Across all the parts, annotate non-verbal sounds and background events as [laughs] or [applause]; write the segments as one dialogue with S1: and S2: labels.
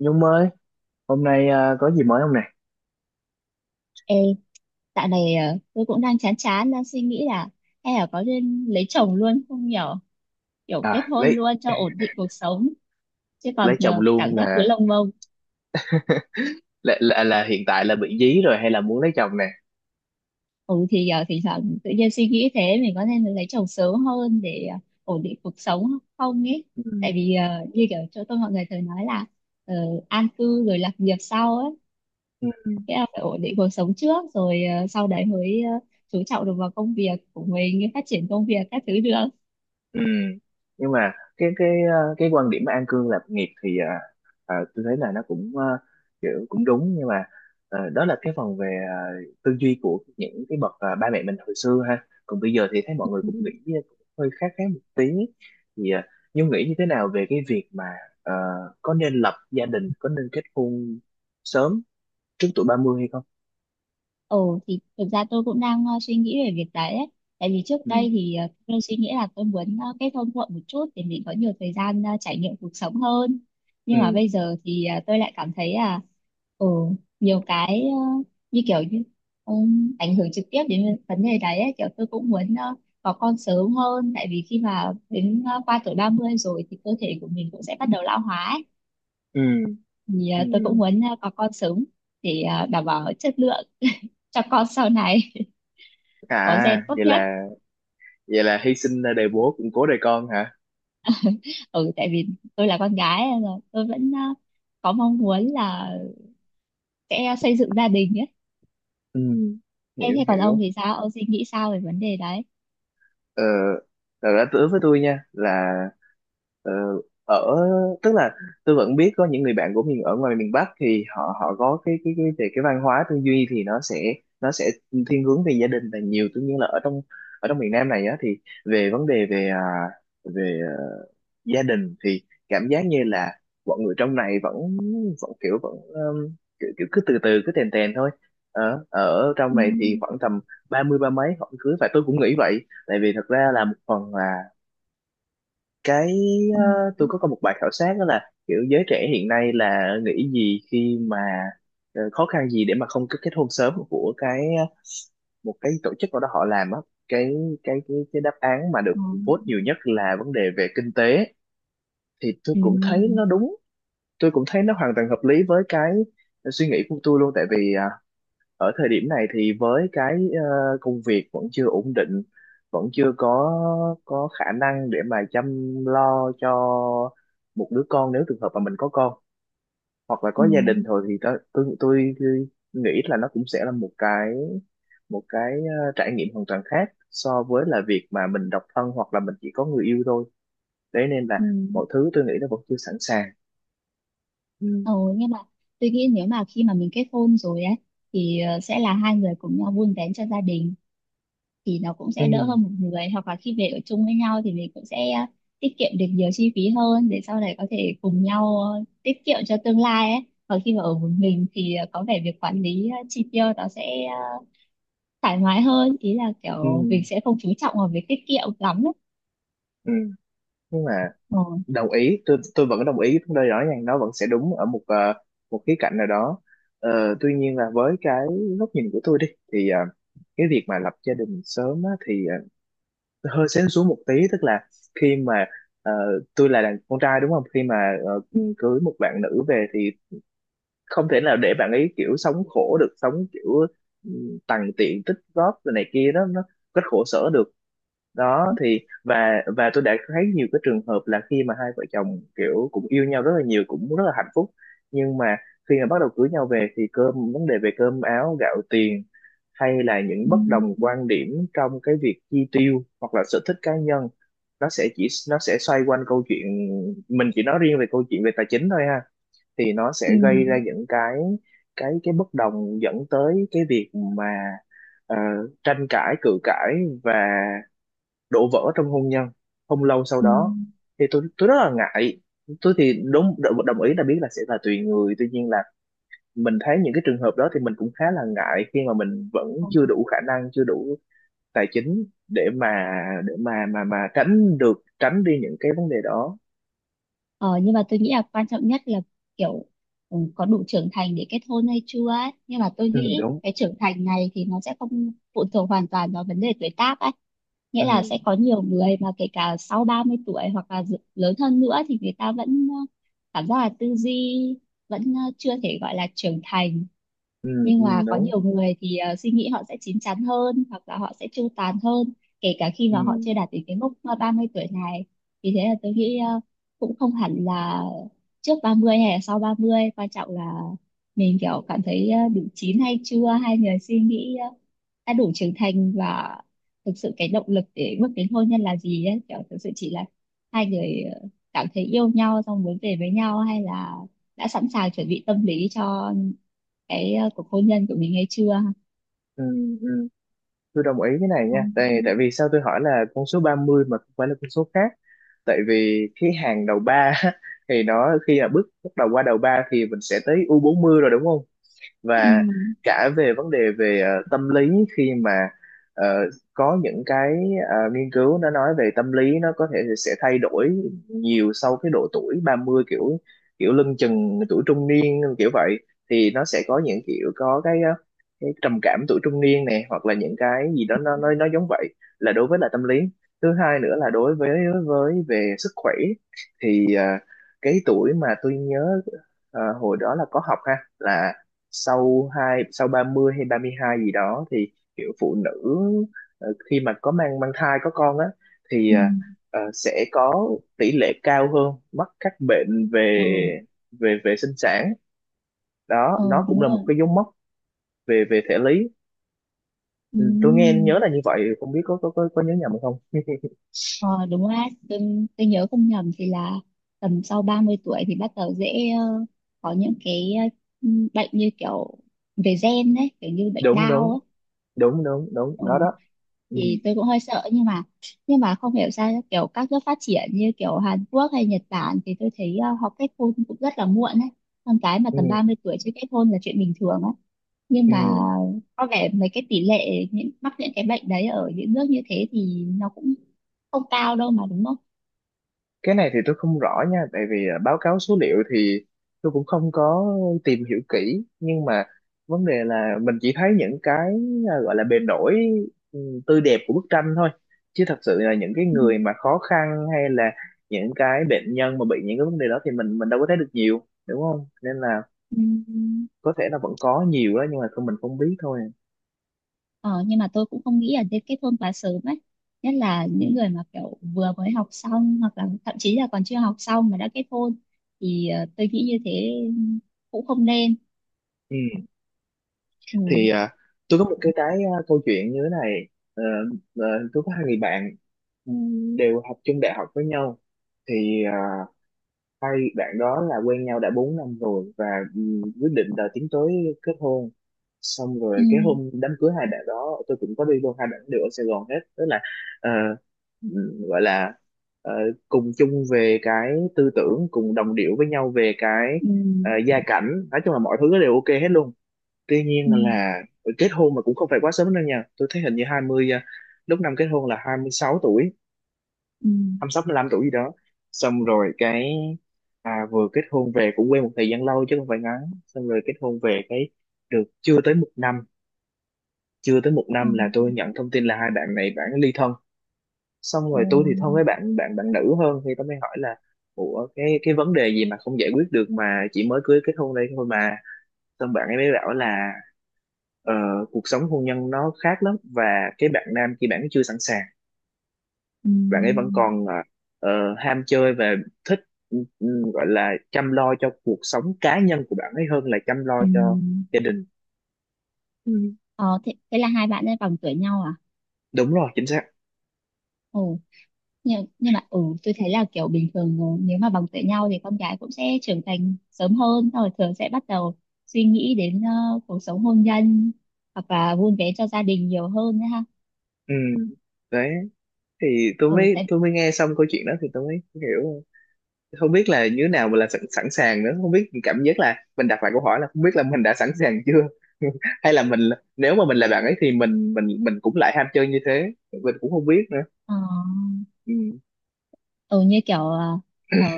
S1: Nhung ơi, hôm nay có gì mới không nè?
S2: Ê, dạo này tôi cũng đang chán chán đang suy nghĩ là hay là có nên lấy chồng luôn không nhở, kiểu kết
S1: À,
S2: hôn
S1: lấy
S2: luôn cho ổn định cuộc sống chứ
S1: lấy
S2: còn
S1: chồng
S2: cảm
S1: luôn
S2: giác cứ
S1: là
S2: lông bông.
S1: là hiện tại là bị dí rồi hay là muốn lấy chồng nè?
S2: Ừ thì thỉnh thoảng tự nhiên suy nghĩ thế mình có nên lấy chồng sớm hơn để ổn định cuộc sống không ấy, tại vì như kiểu chỗ tôi mọi người thường nói là ờ, an cư rồi lập nghiệp sau ấy.
S1: Ừ.
S2: Thế là phải ổn định cuộc sống trước rồi sau đấy mới chú trọng được vào công việc của mình, phát triển công việc các thứ được.
S1: Ừ. Nhưng mà cái quan điểm mà an cư lạc nghiệp thì tôi thấy là nó cũng kiểu cũng đúng, nhưng mà đó là cái phần về tư duy của những cái bậc ba mẹ mình hồi xưa ha. Còn bây giờ thì thấy mọi người cũng nghĩ cũng hơi khác khác một tí. Thì Nhung nghĩ như thế nào về cái việc mà ờ, có nên lập gia đình, có nên kết hôn sớm trước tuổi 30 hay không?
S2: Ồ thì thực ra tôi cũng đang suy nghĩ về việc đấy ấy. Tại vì trước
S1: Ừ.
S2: đây thì tôi suy nghĩ là tôi muốn kết hôn muộn một chút để mình có nhiều thời gian trải nghiệm cuộc sống hơn.
S1: Ừ.
S2: Nhưng mà bây giờ thì tôi lại cảm thấy là ừ, nhiều cái như kiểu như ảnh hưởng trực tiếp đến vấn đề đấy ấy. Kiểu tôi cũng muốn có con sớm hơn, tại vì khi mà đến qua tuổi 30 rồi thì cơ thể của mình cũng sẽ bắt đầu lão hóa ấy.
S1: Ừ.
S2: Thì
S1: Ừ.
S2: tôi cũng muốn có con sớm để đảm bảo chất lượng cho con sau này, có
S1: À,
S2: gen tốt
S1: vậy
S2: nhất.
S1: là vậy là hy sinh đời bố củng cố đời con.
S2: Ừ, tại vì tôi là con gái nên là tôi vẫn có mong muốn là sẽ xây dựng gia đình ấy.
S1: Ừ,
S2: thế,
S1: hiểu
S2: thế còn ông
S1: hiểu.
S2: thì sao, ông suy nghĩ sao về vấn đề đấy?
S1: ờ, Thật ra đối với tôi nha là, ờ, ở tức là tôi vẫn biết có những người bạn của mình ở ngoài miền Bắc thì họ họ có cái cái về cái văn hóa tư duy thì nó sẽ thiên hướng về gia đình là nhiều, tuy nhiên là ở trong miền Nam này á thì về vấn đề về về gia đình thì cảm giác như là mọi người trong này vẫn vẫn kiểu, kiểu cứ từ từ cứ tèn tèn thôi. Ở ở trong
S2: Ừ.
S1: này thì khoảng tầm 30 33 mấy họ cưới, và tôi cũng nghĩ vậy. Tại vì thật ra là một phần là cái
S2: Ừ.
S1: ờ, tôi có một bài khảo sát đó là kiểu giới trẻ hiện nay là nghĩ gì khi mà khó khăn gì để mà không kết kết hôn sớm, của cái một cái tổ chức nào đó họ làm á. Cái cái cái cái đáp án mà được vote nhiều
S2: Ừ.
S1: nhất là vấn đề về kinh tế, thì tôi cũng thấy nó
S2: Ừ.
S1: đúng. Tôi cũng thấy nó hoàn toàn hợp lý với cái suy nghĩ của tôi luôn, tại vì ở thời điểm này thì với cái công việc vẫn chưa ổn định, vẫn chưa có khả năng để mà chăm lo cho một đứa con, nếu trường hợp mà mình có con hoặc là
S2: Ừ.
S1: có gia đình thôi, thì tôi nghĩ là nó cũng sẽ là một cái trải nghiệm hoàn toàn khác so với là việc mà mình độc thân hoặc là mình chỉ có người yêu thôi. Đấy nên là
S2: Ừ.
S1: mọi thứ tôi nghĩ nó vẫn chưa sẵn sàng. Ừ.
S2: Ừ. Nhưng mà tôi nghĩ nếu mà khi mà mình kết hôn rồi ấy thì sẽ là hai người cùng nhau vun vén cho gia đình thì nó cũng
S1: ừ
S2: sẽ đỡ hơn một người, hoặc là khi về ở chung với nhau thì mình cũng sẽ tiết kiệm được nhiều chi phí hơn để sau này có thể cùng nhau tiết kiệm cho tương lai ấy. Còn khi mà ở một mình thì có vẻ việc quản lý chi tiêu nó sẽ thoải mái hơn, ý là
S1: ừ
S2: kiểu mình sẽ không chú trọng vào việc tiết kiệm lắm ấy.
S1: ừ. Nhưng mà
S2: Ờ.
S1: đồng ý, tôi vẫn đồng ý đây, rõ ràng nó vẫn sẽ đúng ở một khía cạnh nào đó. Ờ, tuy nhiên là với cái góc nhìn của tôi đi thì cái việc mà lập gia đình sớm á, thì hơi sến xuống một tí, tức là khi mà ờ, tôi là đàn con trai đúng không, khi mà ờ, cưới một bạn nữ về thì không thể nào để bạn ấy kiểu sống khổ được, sống kiểu, ừ, tằn tiện tích góp rồi này kia đó, nó rất khổ sở được. Đó thì và tôi đã thấy nhiều cái trường hợp là khi mà hai vợ chồng kiểu cũng yêu nhau rất là nhiều, cũng rất là hạnh phúc, nhưng mà khi mà bắt đầu cưới nhau về thì vấn đề về cơm áo gạo tiền hay là những
S2: Ừ.
S1: bất đồng quan điểm trong cái việc chi tiêu hoặc là sở thích cá nhân, nó sẽ xoay quanh câu chuyện, mình chỉ nói riêng về câu chuyện về tài chính thôi ha, thì nó
S2: Ừ.
S1: sẽ gây ra những cái cái bất đồng, dẫn tới cái việc mà ờ, tranh cãi cự cãi và đổ vỡ trong hôn nhân không lâu sau đó, thì tôi rất là ngại. Tôi thì đúng đồng ý là biết là sẽ là tùy người, tuy nhiên là mình thấy những cái trường hợp đó thì mình cũng khá là ngại khi mà mình vẫn
S2: Ừ.
S1: chưa đủ khả năng, chưa đủ tài chính để mà để mà tránh được, tránh đi những cái vấn đề đó.
S2: Ờ, nhưng mà tôi nghĩ là quan trọng nhất là kiểu có đủ trưởng thành để kết hôn hay chưa ấy. Nhưng mà tôi
S1: Ừ
S2: nghĩ
S1: đúng
S2: cái trưởng thành này thì nó sẽ không phụ thuộc hoàn toàn vào vấn đề tuổi tác ấy. Nghĩa là
S1: ừ
S2: sẽ có nhiều người mà kể cả sau 30 tuổi hoặc là lớn hơn nữa thì người ta vẫn cảm giác là tư duy vẫn chưa thể gọi là trưởng thành.
S1: ừ
S2: Nhưng mà
S1: ừ
S2: có
S1: đúng
S2: nhiều người thì suy nghĩ họ sẽ chín chắn hơn hoặc là họ sẽ chu toàn hơn kể cả khi
S1: ừ
S2: mà họ chưa đạt đến cái mốc 30 tuổi này. Vì thế là tôi nghĩ cũng không hẳn là trước 30 hay là sau 30, quan trọng là mình kiểu cảm thấy đủ chín hay chưa, hay người suy nghĩ đã đủ trưởng thành, và thực sự cái động lực để bước đến hôn nhân là gì ấy, kiểu thực sự chỉ là hai người cảm thấy yêu nhau xong muốn về với nhau, hay là đã sẵn sàng chuẩn bị tâm lý cho cái cuộc hôn nhân của mình hay chưa.
S1: ừ ừ. Tôi đồng ý cái này
S2: Ừ.
S1: nha, tại tại vì sao tôi hỏi là con số 30 mà không phải là con số khác, tại vì cái hàng đầu ba [laughs] thì nó khi là bước bắt đầu qua đầu ba thì mình sẽ tới u 40 rồi, đúng không?
S2: Ừ.
S1: Và cả về vấn đề về tâm lý, khi mà ờ, có những cái nghiên cứu nó nói về tâm lý, nó có thể sẽ thay đổi nhiều sau cái độ tuổi 30, kiểu kiểu lưng chừng tuổi trung niên kiểu vậy, thì nó sẽ có những kiểu có cái cái trầm cảm tuổi trung niên này hoặc là những cái gì đó nó nó giống vậy. Là đối với là tâm lý. Thứ hai nữa là đối với về sức khỏe, thì cái tuổi mà tôi nhớ hồi đó là có học ha, là sau hai sau 30 hay 32 gì đó thì kiểu phụ nữ khi mà có mang mang thai có con á thì
S2: Ừ.
S1: sẽ có tỷ lệ cao hơn mắc các bệnh về
S2: Ừ.
S1: về về sinh sản. Đó
S2: Ờ,
S1: nó cũng
S2: đúng
S1: là
S2: rồi.
S1: một cái dấu mốc về về thể lý.
S2: Ừ.
S1: Ừ, tôi nghe nhớ là như vậy, không biết có có nhớ nhầm không [laughs]
S2: Ờ, đúng rồi. Tôi, tôi nhớ không nhầm thì là tầm sau 30 tuổi thì bắt đầu dễ có những cái ờ, bệnh như kiểu về gen đấy, kiểu như bệnh
S1: đúng
S2: đau
S1: đúng,
S2: ấy.
S1: đúng
S2: Ừ.
S1: nó đó. Ừ,
S2: Thì tôi cũng hơi sợ, nhưng mà không hiểu sao kiểu các nước phát triển như kiểu Hàn Quốc hay Nhật Bản thì tôi thấy họ kết hôn cũng rất là muộn ấy, con cái mà
S1: ừ,
S2: tầm 30 tuổi chưa kết hôn là chuyện bình thường. Nhưng
S1: ừ.
S2: mà có vẻ mấy cái tỷ lệ những mắc những cái bệnh đấy ở những nước như thế thì nó cũng không cao đâu mà, đúng không?
S1: Cái này thì tôi không rõ nha, tại vì báo cáo số liệu thì tôi cũng không có tìm hiểu kỹ, nhưng mà vấn đề là mình chỉ thấy những cái gọi là bề nổi, ừ, tươi đẹp của bức tranh thôi, chứ thật sự là những cái
S2: Ừ.
S1: người mà khó khăn hay là những cái bệnh nhân mà bị những cái vấn đề đó thì mình đâu có thấy được nhiều, đúng không, nên là
S2: Ừ.
S1: có thể là vẫn có nhiều đó nhưng mà không, mình không biết thôi.
S2: Ờ, nhưng mà tôi cũng không nghĩ là nên kết hôn quá sớm ấy, nhất là
S1: Ừ.
S2: những người mà kiểu vừa mới học xong hoặc là thậm chí là còn chưa học xong mà đã kết hôn thì tôi nghĩ như thế cũng không nên.
S1: Ừ.
S2: Ừ.
S1: Thì tôi có một câu chuyện như thế này. Ờ, ờ, tôi có hai người bạn, đều học chung đại học với nhau. Thì hai bạn đó là quen nhau đã 4 năm rồi, và quyết định là tiến tới kết hôn. Xong
S2: Ừ.
S1: rồi cái hôm đám cưới hai bạn đó tôi cũng có đi luôn, hai bạn đều ở Sài Gòn hết, tức là ờ, gọi là ờ, cùng chung về cái tư tưởng, cùng đồng điệu với nhau về cái
S2: Ừ.
S1: gia cảnh, nói chung là mọi thứ đều ok hết luôn. Tuy nhiên
S2: Ừ.
S1: là kết hôn mà cũng không phải quá sớm đâu nha, tôi thấy hình như 20 à, lúc năm kết hôn là 26 tuổi,
S2: Ừ.
S1: năm sáu mười lăm tuổi gì đó. Xong rồi cái vừa kết hôn về cũng quen một thời gian lâu chứ không phải ngắn. Xong rồi kết hôn về cái được chưa tới một năm,
S2: Ừ.
S1: là tôi nhận thông tin là hai bạn này bạn ly thân. Xong
S2: Ừ.
S1: rồi tôi thì thân với bạn bạn bạn nữ hơn, thì tôi mới hỏi là ủa cái vấn đề gì mà không giải quyết được mà chỉ mới cưới, kết hôn đây thôi mà. Xong bạn ấy mới bảo là ờ, cuộc sống hôn nhân nó khác lắm, và cái bạn nam kia bạn ấy chưa sẵn sàng,
S2: Ừ.
S1: bạn ấy vẫn còn ờ, ham chơi và thích, ừ, ừ, gọi là chăm lo cho cuộc sống cá nhân của bạn ấy hơn là chăm lo
S2: Ừ.
S1: cho gia đình.
S2: Ờ, thế là hai bạn ấy bằng tuổi nhau à?
S1: Đúng rồi, chính xác.
S2: Ồ, nhưng mà tôi thấy là kiểu bình thường nếu mà bằng tuổi nhau thì con gái cũng sẽ trưởng thành sớm hơn, xong rồi thường sẽ bắt đầu suy nghĩ đến cuộc sống hôn nhân hoặc là vun vén cho gia đình nhiều hơn nữa ha.
S1: Ừ. Đấy thì
S2: Ừ. Tại.
S1: tôi mới nghe xong câu chuyện đó thì tôi mới hiểu, không biết là như thế nào mà là sẵn sàng nữa, không biết, cảm giác là mình đặt lại câu hỏi là không biết là mình đã sẵn sàng chưa [laughs] hay là mình, nếu mà mình là bạn ấy thì mình cũng lại ham chơi như thế, mình cũng không biết nữa.
S2: Ờ.
S1: Ừ.
S2: Ừ. Như kiểu ở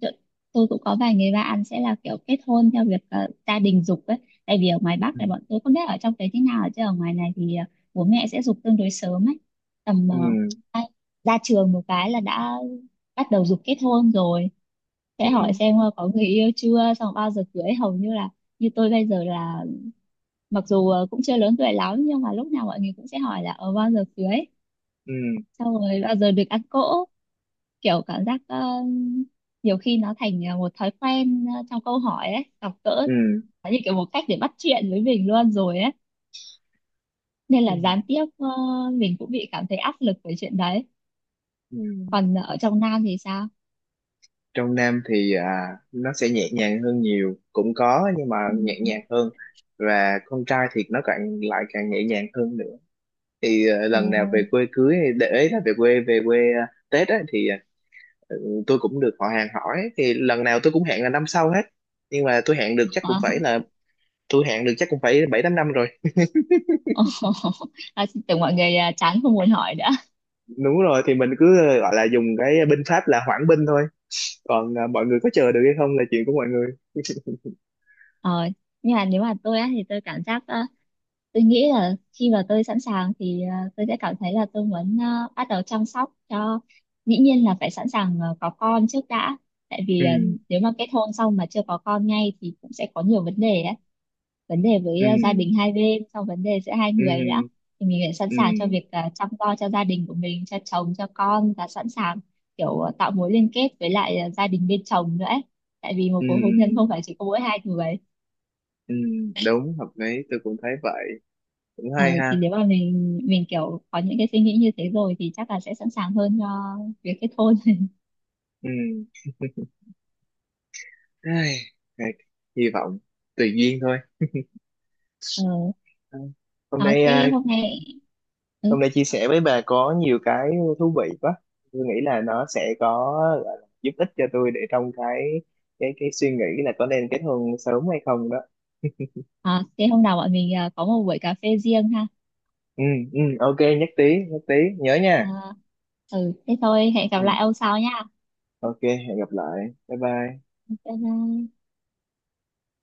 S2: chỗ- tôi cũng có vài người bạn sẽ là kiểu kết hôn theo việc gia đình giục ấy. Tại vì ở ngoài Bắc
S1: Ừ.
S2: này bọn tôi không biết ở trong đấy thế nào, chứ ở ngoài này thì bố mẹ sẽ giục tương đối sớm ấy, tầm
S1: Ừ.
S2: ai- ra trường một cái là đã bắt đầu giục kết hôn rồi,
S1: Ừ.
S2: sẽ hỏi xem có người yêu chưa, xong bao giờ cưới, hầu như là như tôi bây giờ là, mặc dù cũng chưa lớn tuổi lắm nhưng mà lúc nào mọi người cũng sẽ hỏi là ở bao giờ cưới,
S1: Ừ.
S2: xong rồi bao giờ được ăn cỗ, kiểu cảm giác nhiều khi nó thành một thói quen trong câu hỏi ấy gặp gỡ,
S1: Ừ.
S2: nó như kiểu một cách để bắt chuyện với mình luôn rồi ấy, nên
S1: Ừ.
S2: là gián tiếp mình cũng bị cảm thấy áp lực về chuyện đấy.
S1: Ừ.
S2: Còn ở trong Nam thì sao?
S1: Trong Nam thì nó sẽ nhẹ nhàng hơn, nhiều cũng có nhưng mà
S2: Ừ.
S1: nhẹ nhàng hơn, và con trai thì nó càng lại càng nhẹ nhàng hơn nữa. Thì
S2: Ồ.
S1: lần nào về quê cưới hay để ý là về quê Tết á, thì tôi cũng được họ hàng hỏi, thì lần nào tôi cũng hẹn là năm sau hết. Nhưng mà tôi hẹn được chắc cũng
S2: Ờ.
S1: phải là, tôi hẹn được chắc cũng phải 7 8 năm rồi.
S2: Ồ. [laughs] À, tưởng mọi người chán không muốn hỏi nữa.
S1: Đúng rồi, thì mình cứ gọi là dùng cái binh pháp là hoãn binh thôi, còn mọi người có chờ được hay không là chuyện của mọi người [laughs]
S2: ờ, nhưng mà nếu mà tôi á, thì tôi cảm giác tôi nghĩ là khi mà tôi sẵn sàng thì tôi sẽ cảm thấy là tôi muốn bắt đầu chăm sóc cho, dĩ nhiên là phải sẵn sàng có con trước đã, tại vì
S1: ừ
S2: nếu mà kết hôn xong mà chưa có con ngay thì cũng sẽ có nhiều vấn đề đấy, vấn đề với
S1: ừ
S2: gia đình hai bên, xong vấn đề giữa hai
S1: ừ
S2: người nữa. Thì mình phải sẵn
S1: ừ
S2: sàng cho việc chăm lo cho gia đình của mình, cho chồng cho con, và sẵn sàng kiểu tạo mối liên kết với lại gia đình bên chồng nữa ấy. Tại vì một
S1: ừ,
S2: cuộc hôn nhân không phải chỉ có mỗi hai người.
S1: ừ, đúng, hợp lý, tôi cũng thấy vậy, cũng
S2: Ờ,
S1: hay ha.
S2: thì nếu mà mình kiểu có những cái suy nghĩ như thế rồi thì chắc là sẽ sẵn sàng hơn cho việc kết hôn. [laughs]
S1: Ừ. Ai, ai, hy vọng tùy duyên thôi.
S2: Ờ,
S1: Ừ. Hôm
S2: đó,
S1: nay
S2: thế hôm nay, ừ,
S1: hôm nay chia sẻ với bà có nhiều cái thú vị quá. Tôi nghĩ là nó sẽ có, gọi là giúp ích cho tôi để trong cái suy nghĩ là có nên kết hôn sớm hay không đó.
S2: à, thế hôm nào bọn mình có một buổi cà phê riêng ha.
S1: Ừ, ừ, ok, nhất trí, nhớ nha.
S2: À, ừ, thế thôi, hẹn gặp
S1: Ừ,
S2: lại ông sau nha.
S1: ok, hẹn gặp lại. Bye bye.
S2: Bye bye.